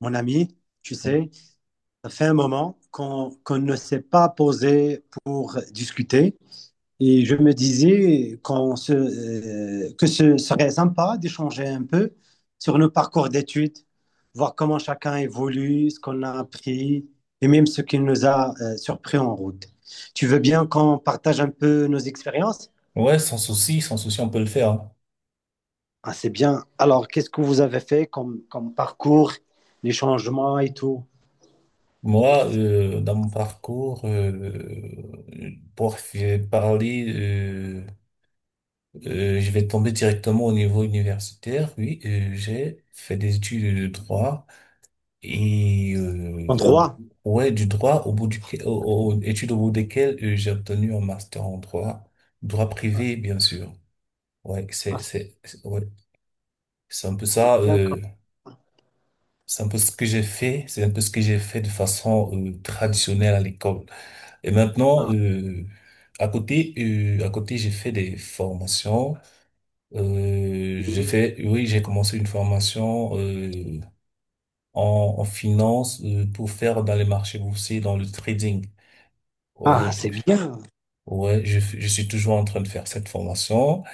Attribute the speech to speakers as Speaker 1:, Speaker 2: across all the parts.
Speaker 1: Mon ami, tu sais, ça fait un moment qu'on ne s'est pas posé pour discuter et je me disais que ce serait sympa d'échanger un peu sur nos parcours d'études, voir comment chacun évolue, ce qu'on a appris et même ce qui nous a surpris en route. Tu veux bien qu'on partage un peu nos expériences?
Speaker 2: Ouais, sans souci, sans souci, on peut le faire.
Speaker 1: Ah, c'est bien. Alors, qu'est-ce que vous avez fait comme, comme parcours, les changements et tout?
Speaker 2: Moi, dans mon parcours, je vais tomber directement au niveau universitaire. Oui, j'ai fait des études de droit et
Speaker 1: En
Speaker 2: euh, au-
Speaker 1: droit?
Speaker 2: ouais, du droit au bout du, au- au- études au bout desquelles j'ai obtenu un master en droit, droit privé, bien sûr. Ouais,
Speaker 1: Ah,
Speaker 2: ouais, c'est un peu
Speaker 1: c'est
Speaker 2: ça.
Speaker 1: bien comme
Speaker 2: C'est un peu ce que j'ai fait, c'est un peu ce que j'ai fait de façon traditionnelle à l'école. Et maintenant,
Speaker 1: ça.
Speaker 2: à côté, j'ai fait des formations.
Speaker 1: Oui.
Speaker 2: Oui, j'ai commencé une formation en finance pour faire dans les marchés boursiers, dans le trading.
Speaker 1: Ah,
Speaker 2: Ouais,
Speaker 1: c'est bien.
Speaker 2: ouais, je suis toujours en train de faire cette formation.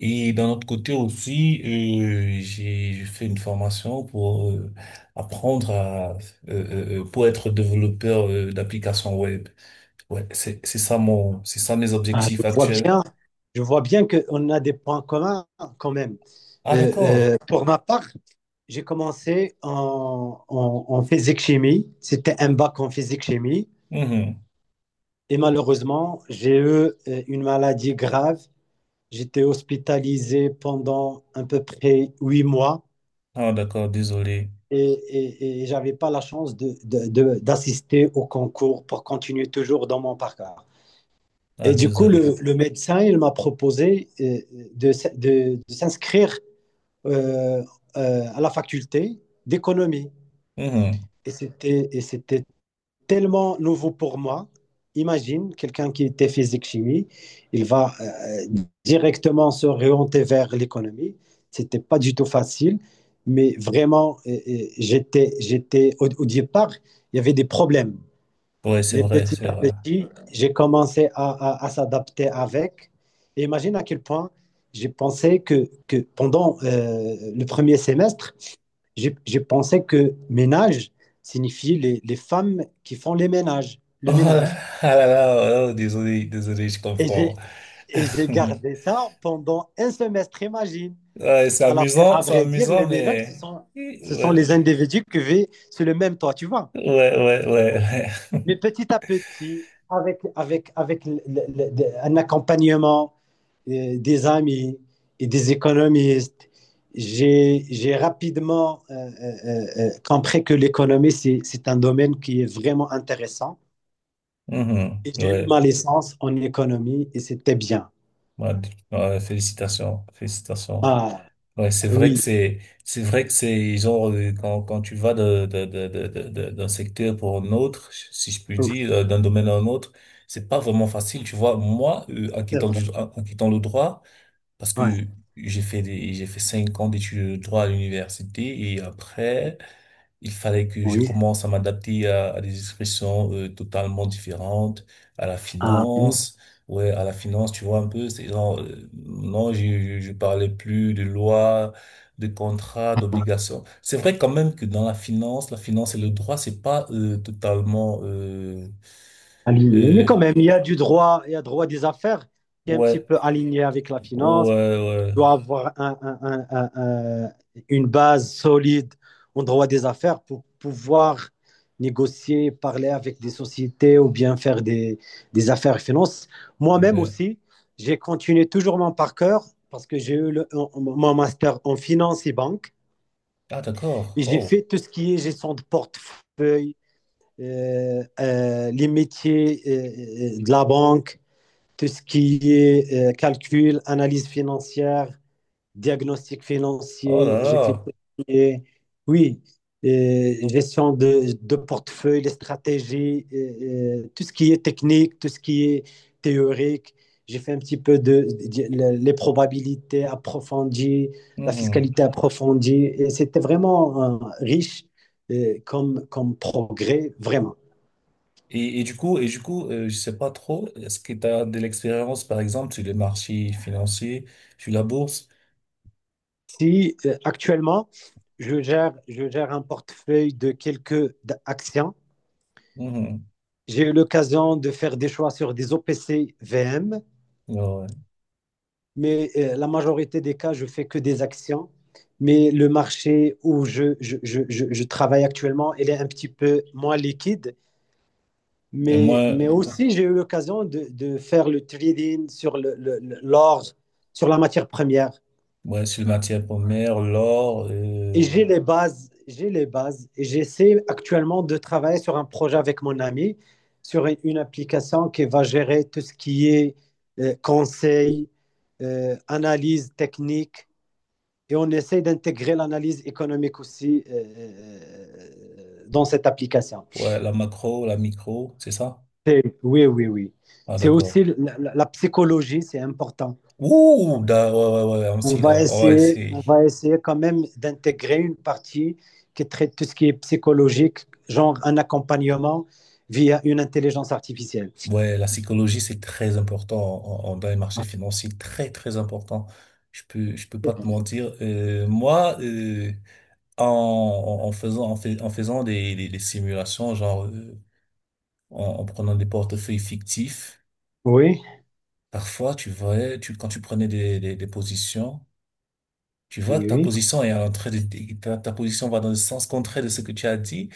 Speaker 2: Et d'un autre côté aussi, j'ai fait une formation pour apprendre à pour être développeur d'applications web. Ouais, c'est ça mes
Speaker 1: Je
Speaker 2: objectifs
Speaker 1: vois
Speaker 2: actuels.
Speaker 1: bien, je vois bien qu'on a des points communs quand même.
Speaker 2: Ah d'accord.
Speaker 1: Pour ma part, j'ai commencé en, en, en physique-chimie. C'était un bac en physique-chimie.
Speaker 2: Mhm.
Speaker 1: Et malheureusement, j'ai eu une maladie grave. J'étais hospitalisé pendant à peu près huit mois
Speaker 2: Ah d'accord, désolé.
Speaker 1: et, et j'avais pas la chance de- d'assister au concours pour continuer toujours dans mon parcours.
Speaker 2: Ah
Speaker 1: Et du coup,
Speaker 2: désolé.
Speaker 1: le médecin, il m'a proposé de, de s'inscrire euh, à la faculté d'économie.
Speaker 2: Mhm.
Speaker 1: Et c'était tellement nouveau pour moi. Imagine quelqu'un qui était physique-chimie, il va directement se réorienter vers l'économie. C'était pas du tout facile, mais vraiment, j'étais, j'étais au, au départ, il y avait des problèmes.
Speaker 2: Ouais, c'est
Speaker 1: Mais
Speaker 2: vrai,
Speaker 1: petit
Speaker 2: c'est
Speaker 1: à
Speaker 2: vrai.
Speaker 1: petit, j'ai commencé à s'adapter avec. Et imagine à quel point j'ai pensé que pendant le premier semestre, j'ai pensé que ménage signifie les femmes qui font les ménages,
Speaker 2: Oh
Speaker 1: le
Speaker 2: là,
Speaker 1: ménage.
Speaker 2: ah là, là, oh, désolé, désolé, je
Speaker 1: Et
Speaker 2: comprends.
Speaker 1: j'ai et j'ai gardé ça pendant un semestre, imagine.
Speaker 2: Ouais,
Speaker 1: Alors qu'à
Speaker 2: c'est
Speaker 1: vrai dire, les
Speaker 2: amusant,
Speaker 1: ménages,
Speaker 2: mais
Speaker 1: ce sont
Speaker 2: ouais,
Speaker 1: les individus qui vivent sur le même toit, tu vois.
Speaker 2: ouais, ouais, ouais. Ouais.
Speaker 1: Mais petit à petit, avec, avec, avec le- un accompagnement, des amis et des économistes. J'ai rapidement compris que l'économie, c'est un domaine qui est vraiment intéressant.
Speaker 2: Mhm.
Speaker 1: Et j'ai eu
Speaker 2: Ouais.
Speaker 1: ma licence en économie et c'était bien.
Speaker 2: Ouais, ouais, félicitations, félicitations.
Speaker 1: Ah
Speaker 2: Ouais,
Speaker 1: oui,
Speaker 2: c'est vrai que c'est genre quand tu vas d'un secteur pour un autre, si je puis
Speaker 1: oui,
Speaker 2: dire, d'un domaine à un autre, c'est pas vraiment facile. Tu vois, moi,
Speaker 1: c'est vrai.
Speaker 2: en quittant le droit, parce
Speaker 1: Ouais,
Speaker 2: que j'ai fait 5 ans d'études de droit à l'université et après. Il fallait que je
Speaker 1: oui.
Speaker 2: commence à m'adapter à des expressions totalement différentes, à la
Speaker 1: Ah, oui,
Speaker 2: finance, ouais, à la finance, tu vois un peu, c'est genre, non, je parlais plus de loi, de contrat, d'obligation. C'est vrai quand même que dans la finance et le droit, c'est pas totalement,
Speaker 1: aligné. Mais
Speaker 2: euh,
Speaker 1: quand même, il y a du droit, il y a droit des affaires qui est un petit
Speaker 2: ouais,
Speaker 1: peu aligné avec la finance,
Speaker 2: ouais,
Speaker 1: doit avoir un- une base solide en droit des affaires pour pouvoir négocier, parler avec des sociétés ou bien faire des affaires et finances.
Speaker 2: ouais,
Speaker 1: Moi-même
Speaker 2: ouais.
Speaker 1: aussi, j'ai continué toujours mon parcours parce que j'ai eu le- mon master en finance et banque
Speaker 2: Ah d'accord,
Speaker 1: et j'ai
Speaker 2: wow,
Speaker 1: fait tout ce qui est gestion de portefeuille, les métiers de la banque, tout ce qui est calcul, analyse financière diagnostic
Speaker 2: oh
Speaker 1: financier, j'ai fait
Speaker 2: là
Speaker 1: tout ce qui est- oui, gestion de portefeuille, les stratégies, tout ce qui est technique, tout ce qui est théorique. J'ai fait un petit peu de- les probabilités approfondies, la
Speaker 2: là.
Speaker 1: fiscalité approfondie. Et c'était vraiment riche comme, comme progrès, vraiment.
Speaker 2: Et du coup, je sais pas trop, est-ce que tu as de l'expérience, par exemple, sur les marchés financiers, sur la bourse?
Speaker 1: Si actuellement, je gère un portefeuille de quelques d- actions.
Speaker 2: Mhm.
Speaker 1: J'ai eu l'occasion de faire des choix sur des OPC VM,
Speaker 2: Ouais. Ouais.
Speaker 1: mais la majorité des cas, je fais que des actions. Mais le marché où je travaille actuellement, il est un petit peu moins liquide.
Speaker 2: Et moi,
Speaker 1: Mais
Speaker 2: bon,
Speaker 1: aussi, j'ai eu l'occasion de faire le trading sur le- l'or, sur la matière première.
Speaker 2: ouais, sur les matières premières, l'or,
Speaker 1: Et j'ai les bases, j'ai les bases. Et j'essaie actuellement de travailler sur un projet avec mon ami, sur une application qui va gérer tout ce qui est conseil, analyse technique. Et on essaie d'intégrer l'analyse économique aussi dans cette application.
Speaker 2: ouais, la macro, la micro, c'est ça?
Speaker 1: C'est- oui, oui, oui.
Speaker 2: Ah,
Speaker 1: C'est
Speaker 2: d'accord.
Speaker 1: aussi la, la- la psychologie, c'est important.
Speaker 2: Ouh, ouais, ouais, ouais, ah, ouais, c'est,
Speaker 1: On va essayer quand même d'intégrer une partie qui traite tout ce qui est psychologique, genre un accompagnement via une intelligence artificielle.
Speaker 2: ouais, la psychologie, c'est très important dans les marchés financiers, très, très important. Je peux pas te mentir. Moi, en, en en faisant des simulations, genre en prenant des portefeuilles fictifs,
Speaker 1: Oui,
Speaker 2: parfois quand tu prenais des positions, tu vois que
Speaker 1: oui,
Speaker 2: ta
Speaker 1: oui.
Speaker 2: position est en train de, ta, ta position va dans le sens contraire de ce que tu as dit.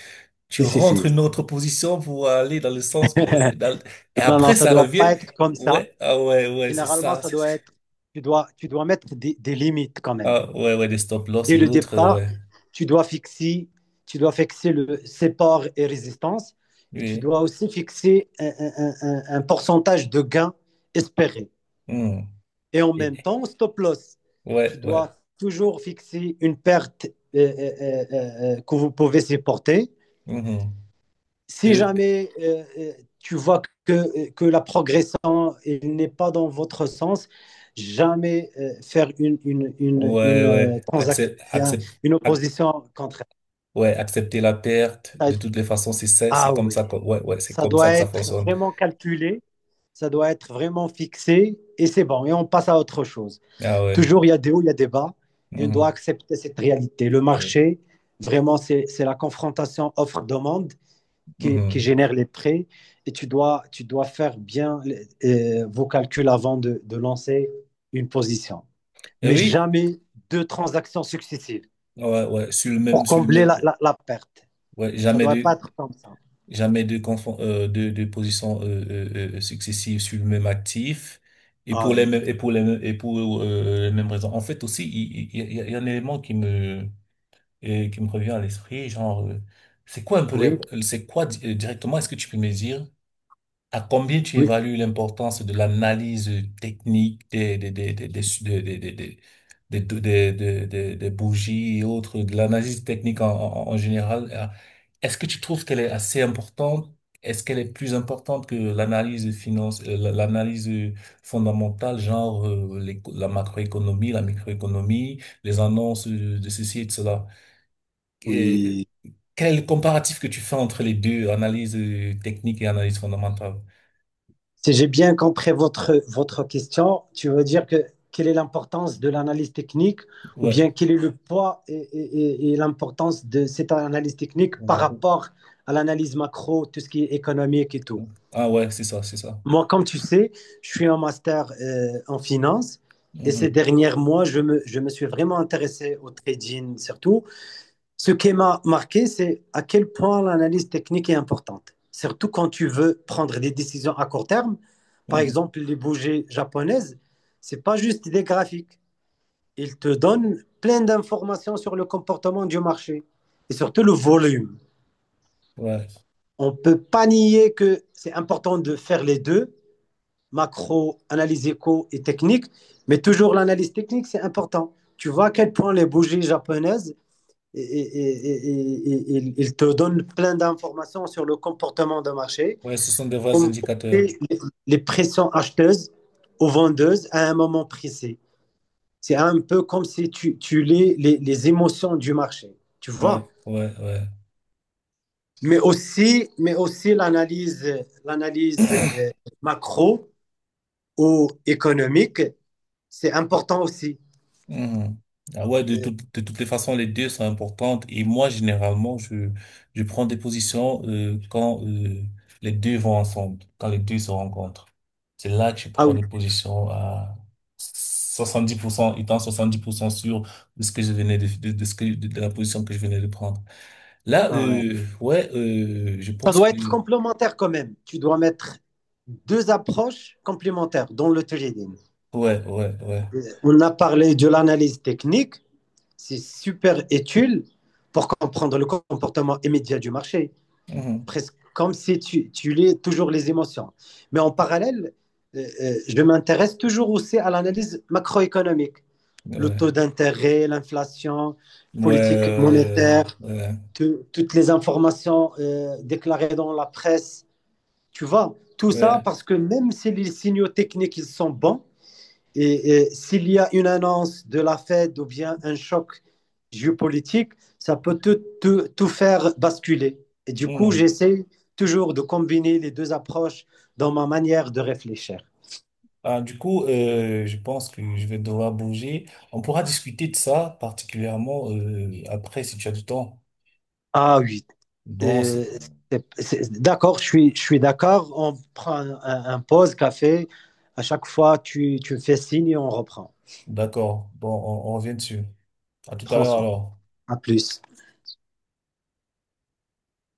Speaker 2: Tu
Speaker 1: Si, si,
Speaker 2: rentres
Speaker 1: si.
Speaker 2: une autre position pour aller dans le sens, et
Speaker 1: Non, non,
Speaker 2: après
Speaker 1: ça ne
Speaker 2: ça
Speaker 1: doit
Speaker 2: revient.
Speaker 1: pas être comme ça.
Speaker 2: Ouais, ah ouais, ouais, c'est
Speaker 1: Généralement,
Speaker 2: ça.
Speaker 1: ça doit être, tu dois mettre des limites quand même.
Speaker 2: Ah ouais, ouais, des stop-loss
Speaker 1: Dès
Speaker 2: et
Speaker 1: le
Speaker 2: autres,
Speaker 1: départ,
Speaker 2: ouais.
Speaker 1: tu dois fixer, tu dois fixer le support et résistance, et tu
Speaker 2: Oui.
Speaker 1: dois aussi fixer un pourcentage de gain espéré.
Speaker 2: Hmm.
Speaker 1: Et en même
Speaker 2: Et-
Speaker 1: temps, stop loss. Tu
Speaker 2: Ouais, ouais.
Speaker 1: dois toujours fixer une perte que vous pouvez supporter.
Speaker 2: Mhm.
Speaker 1: Si jamais tu vois que la progression n'est pas dans votre sens, jamais faire
Speaker 2: Ouais,
Speaker 1: une
Speaker 2: ouais.
Speaker 1: transaction, une
Speaker 2: Ac-
Speaker 1: opposition contre.
Speaker 2: ouais, accepter la perte. De toutes les façons, c'est ça, c'est
Speaker 1: Ah
Speaker 2: comme ça
Speaker 1: oui,
Speaker 2: que, ouais, ouais, c'est
Speaker 1: ça
Speaker 2: comme ça
Speaker 1: doit
Speaker 2: que ça
Speaker 1: être
Speaker 2: fonctionne.
Speaker 1: vraiment calculé, ça doit être vraiment fixé et c'est bon, et on passe à autre chose.
Speaker 2: Ah ouais.
Speaker 1: Toujours, il y a des hauts, il y a des bas. Et on doit
Speaker 2: Mhm.
Speaker 1: accepter cette réalité. Le marché, vraiment, c'est la confrontation offre-demande qui
Speaker 2: Mhm.
Speaker 1: génère les prix. Et tu dois faire bien vos calculs avant de lancer une position.
Speaker 2: Et
Speaker 1: Mais
Speaker 2: oui,
Speaker 1: jamais deux transactions successives
Speaker 2: ouais, ouais,
Speaker 1: pour
Speaker 2: sur le
Speaker 1: combler
Speaker 2: même,
Speaker 1: la, la- la perte.
Speaker 2: ouais,
Speaker 1: Ça ne
Speaker 2: jamais
Speaker 1: doit pas
Speaker 2: de,
Speaker 1: être comme ça.
Speaker 2: jamais de confond, euh, de, de positions successive sur le même actif. Et
Speaker 1: Ah
Speaker 2: pour les
Speaker 1: ouais.
Speaker 2: mêmes, les mêmes raisons. En fait, aussi, il y a un élément et qui me revient à l'esprit, genre, c'est quoi un peu, les-
Speaker 1: Oui,
Speaker 2: c'est quoi directement, est-ce que tu peux me dire à combien tu
Speaker 1: oui,
Speaker 2: évalues l'importance de l'analyse technique des bougies et autres, de l'analyse technique en général? Est-ce que tu trouves qu'elle est assez importante? Est-ce qu'elle est plus importante que l'analyse l'analyse fondamentale, genre la macroéconomie, la microéconomie, les annonces de ceci et de cela?
Speaker 1: oui.
Speaker 2: Quel est le comparatif que tu fais entre les deux, analyse technique et analyse fondamentale?
Speaker 1: Si j'ai bien compris votre, votre question, tu veux dire que quelle est l'importance de l'analyse technique ou
Speaker 2: Ouais.
Speaker 1: bien quel est le poids et l'importance de cette analyse technique par rapport à l'analyse macro, tout ce qui est économique et tout.
Speaker 2: Ah ouais, c'est ça, c'est ça.
Speaker 1: Moi, comme tu sais, je suis en master en finance et ces
Speaker 2: Mhm.
Speaker 1: derniers mois, je me suis vraiment intéressé au trading surtout ce qui m'a marqué, c'est à quel point l'analyse technique est importante, surtout quand tu veux prendre des décisions à court terme. Par
Speaker 2: Mhm.
Speaker 1: exemple, les bougies japonaises, c'est pas juste des graphiques. Ils te donnent plein d'informations sur le comportement du marché et surtout le volume.
Speaker 2: Ouais.
Speaker 1: On ne peut pas nier que c'est important de faire les deux, macro, analyse éco et technique, mais toujours l'analyse technique, c'est important. Tu vois à quel point les bougies japonaises et- il te donne plein d'informations sur le comportement de marché,
Speaker 2: Ouais, ce sont des vrais indicateurs.
Speaker 1: les, les pressions acheteuses ou vendeuses à un moment précis. C'est un peu comme si tu, tu lis les émotions du marché, tu
Speaker 2: Ouais,
Speaker 1: vois.
Speaker 2: ouais, ouais.
Speaker 1: Mais aussi l'analyse, l'analyse macro ou économique, c'est important aussi.
Speaker 2: Mhm. Ah ouais,
Speaker 1: Euh,
Speaker 2: de toutes les façons, les deux sont importantes. Et moi, généralement, je prends des positions quand les deux vont ensemble, quand les deux se rencontrent. C'est là que je
Speaker 1: ah
Speaker 2: prends
Speaker 1: oui,
Speaker 2: des positions à 70% étant 70% sûr de ce que je venais de, la position que je venais de prendre. Là,
Speaker 1: ah ouais.
Speaker 2: ouais, je
Speaker 1: Ça
Speaker 2: pense
Speaker 1: doit
Speaker 2: que...
Speaker 1: être complémentaire quand même. Tu dois mettre deux approches complémentaires dans le trading.
Speaker 2: Ouais, ouais, ouais.
Speaker 1: On a parlé de l'analyse technique, c'est super utile pour comprendre le comportement immédiat du marché,
Speaker 2: Mhm.
Speaker 1: presque comme si tu, tu lis toujours les émotions. Mais en parallèle, je m'intéresse toujours aussi à l'analyse macroéconomique, le
Speaker 2: Ouais,
Speaker 1: taux d'intérêt, l'inflation,
Speaker 2: ouais,
Speaker 1: politique
Speaker 2: ouais,
Speaker 1: monétaire,
Speaker 2: ouais.
Speaker 1: tout- toutes les informations déclarées dans la presse tu vois, tout ça
Speaker 2: Ouais.
Speaker 1: parce que même si les signaux techniques ils sont bons, et s'il y a une annonce de la Fed ou bien un choc géopolitique, ça peut tout, tout- tout faire basculer. Et du coup,
Speaker 2: Mhm.
Speaker 1: j'essaie toujours de combiner les deux approches dans ma manière de réfléchir.
Speaker 2: Ah, du coup, je pense que je vais devoir bouger. On pourra discuter de ça particulièrement après si tu as du temps.
Speaker 1: Ah oui,
Speaker 2: Bon,
Speaker 1: euh, c'est- d'accord, je suis d'accord. On prend un pause café. À chaque fois, tu me fais signe et on reprend.
Speaker 2: d'accord. Bon, on revient dessus. À tout à
Speaker 1: Prends
Speaker 2: l'heure
Speaker 1: soin.
Speaker 2: alors.
Speaker 1: À plus.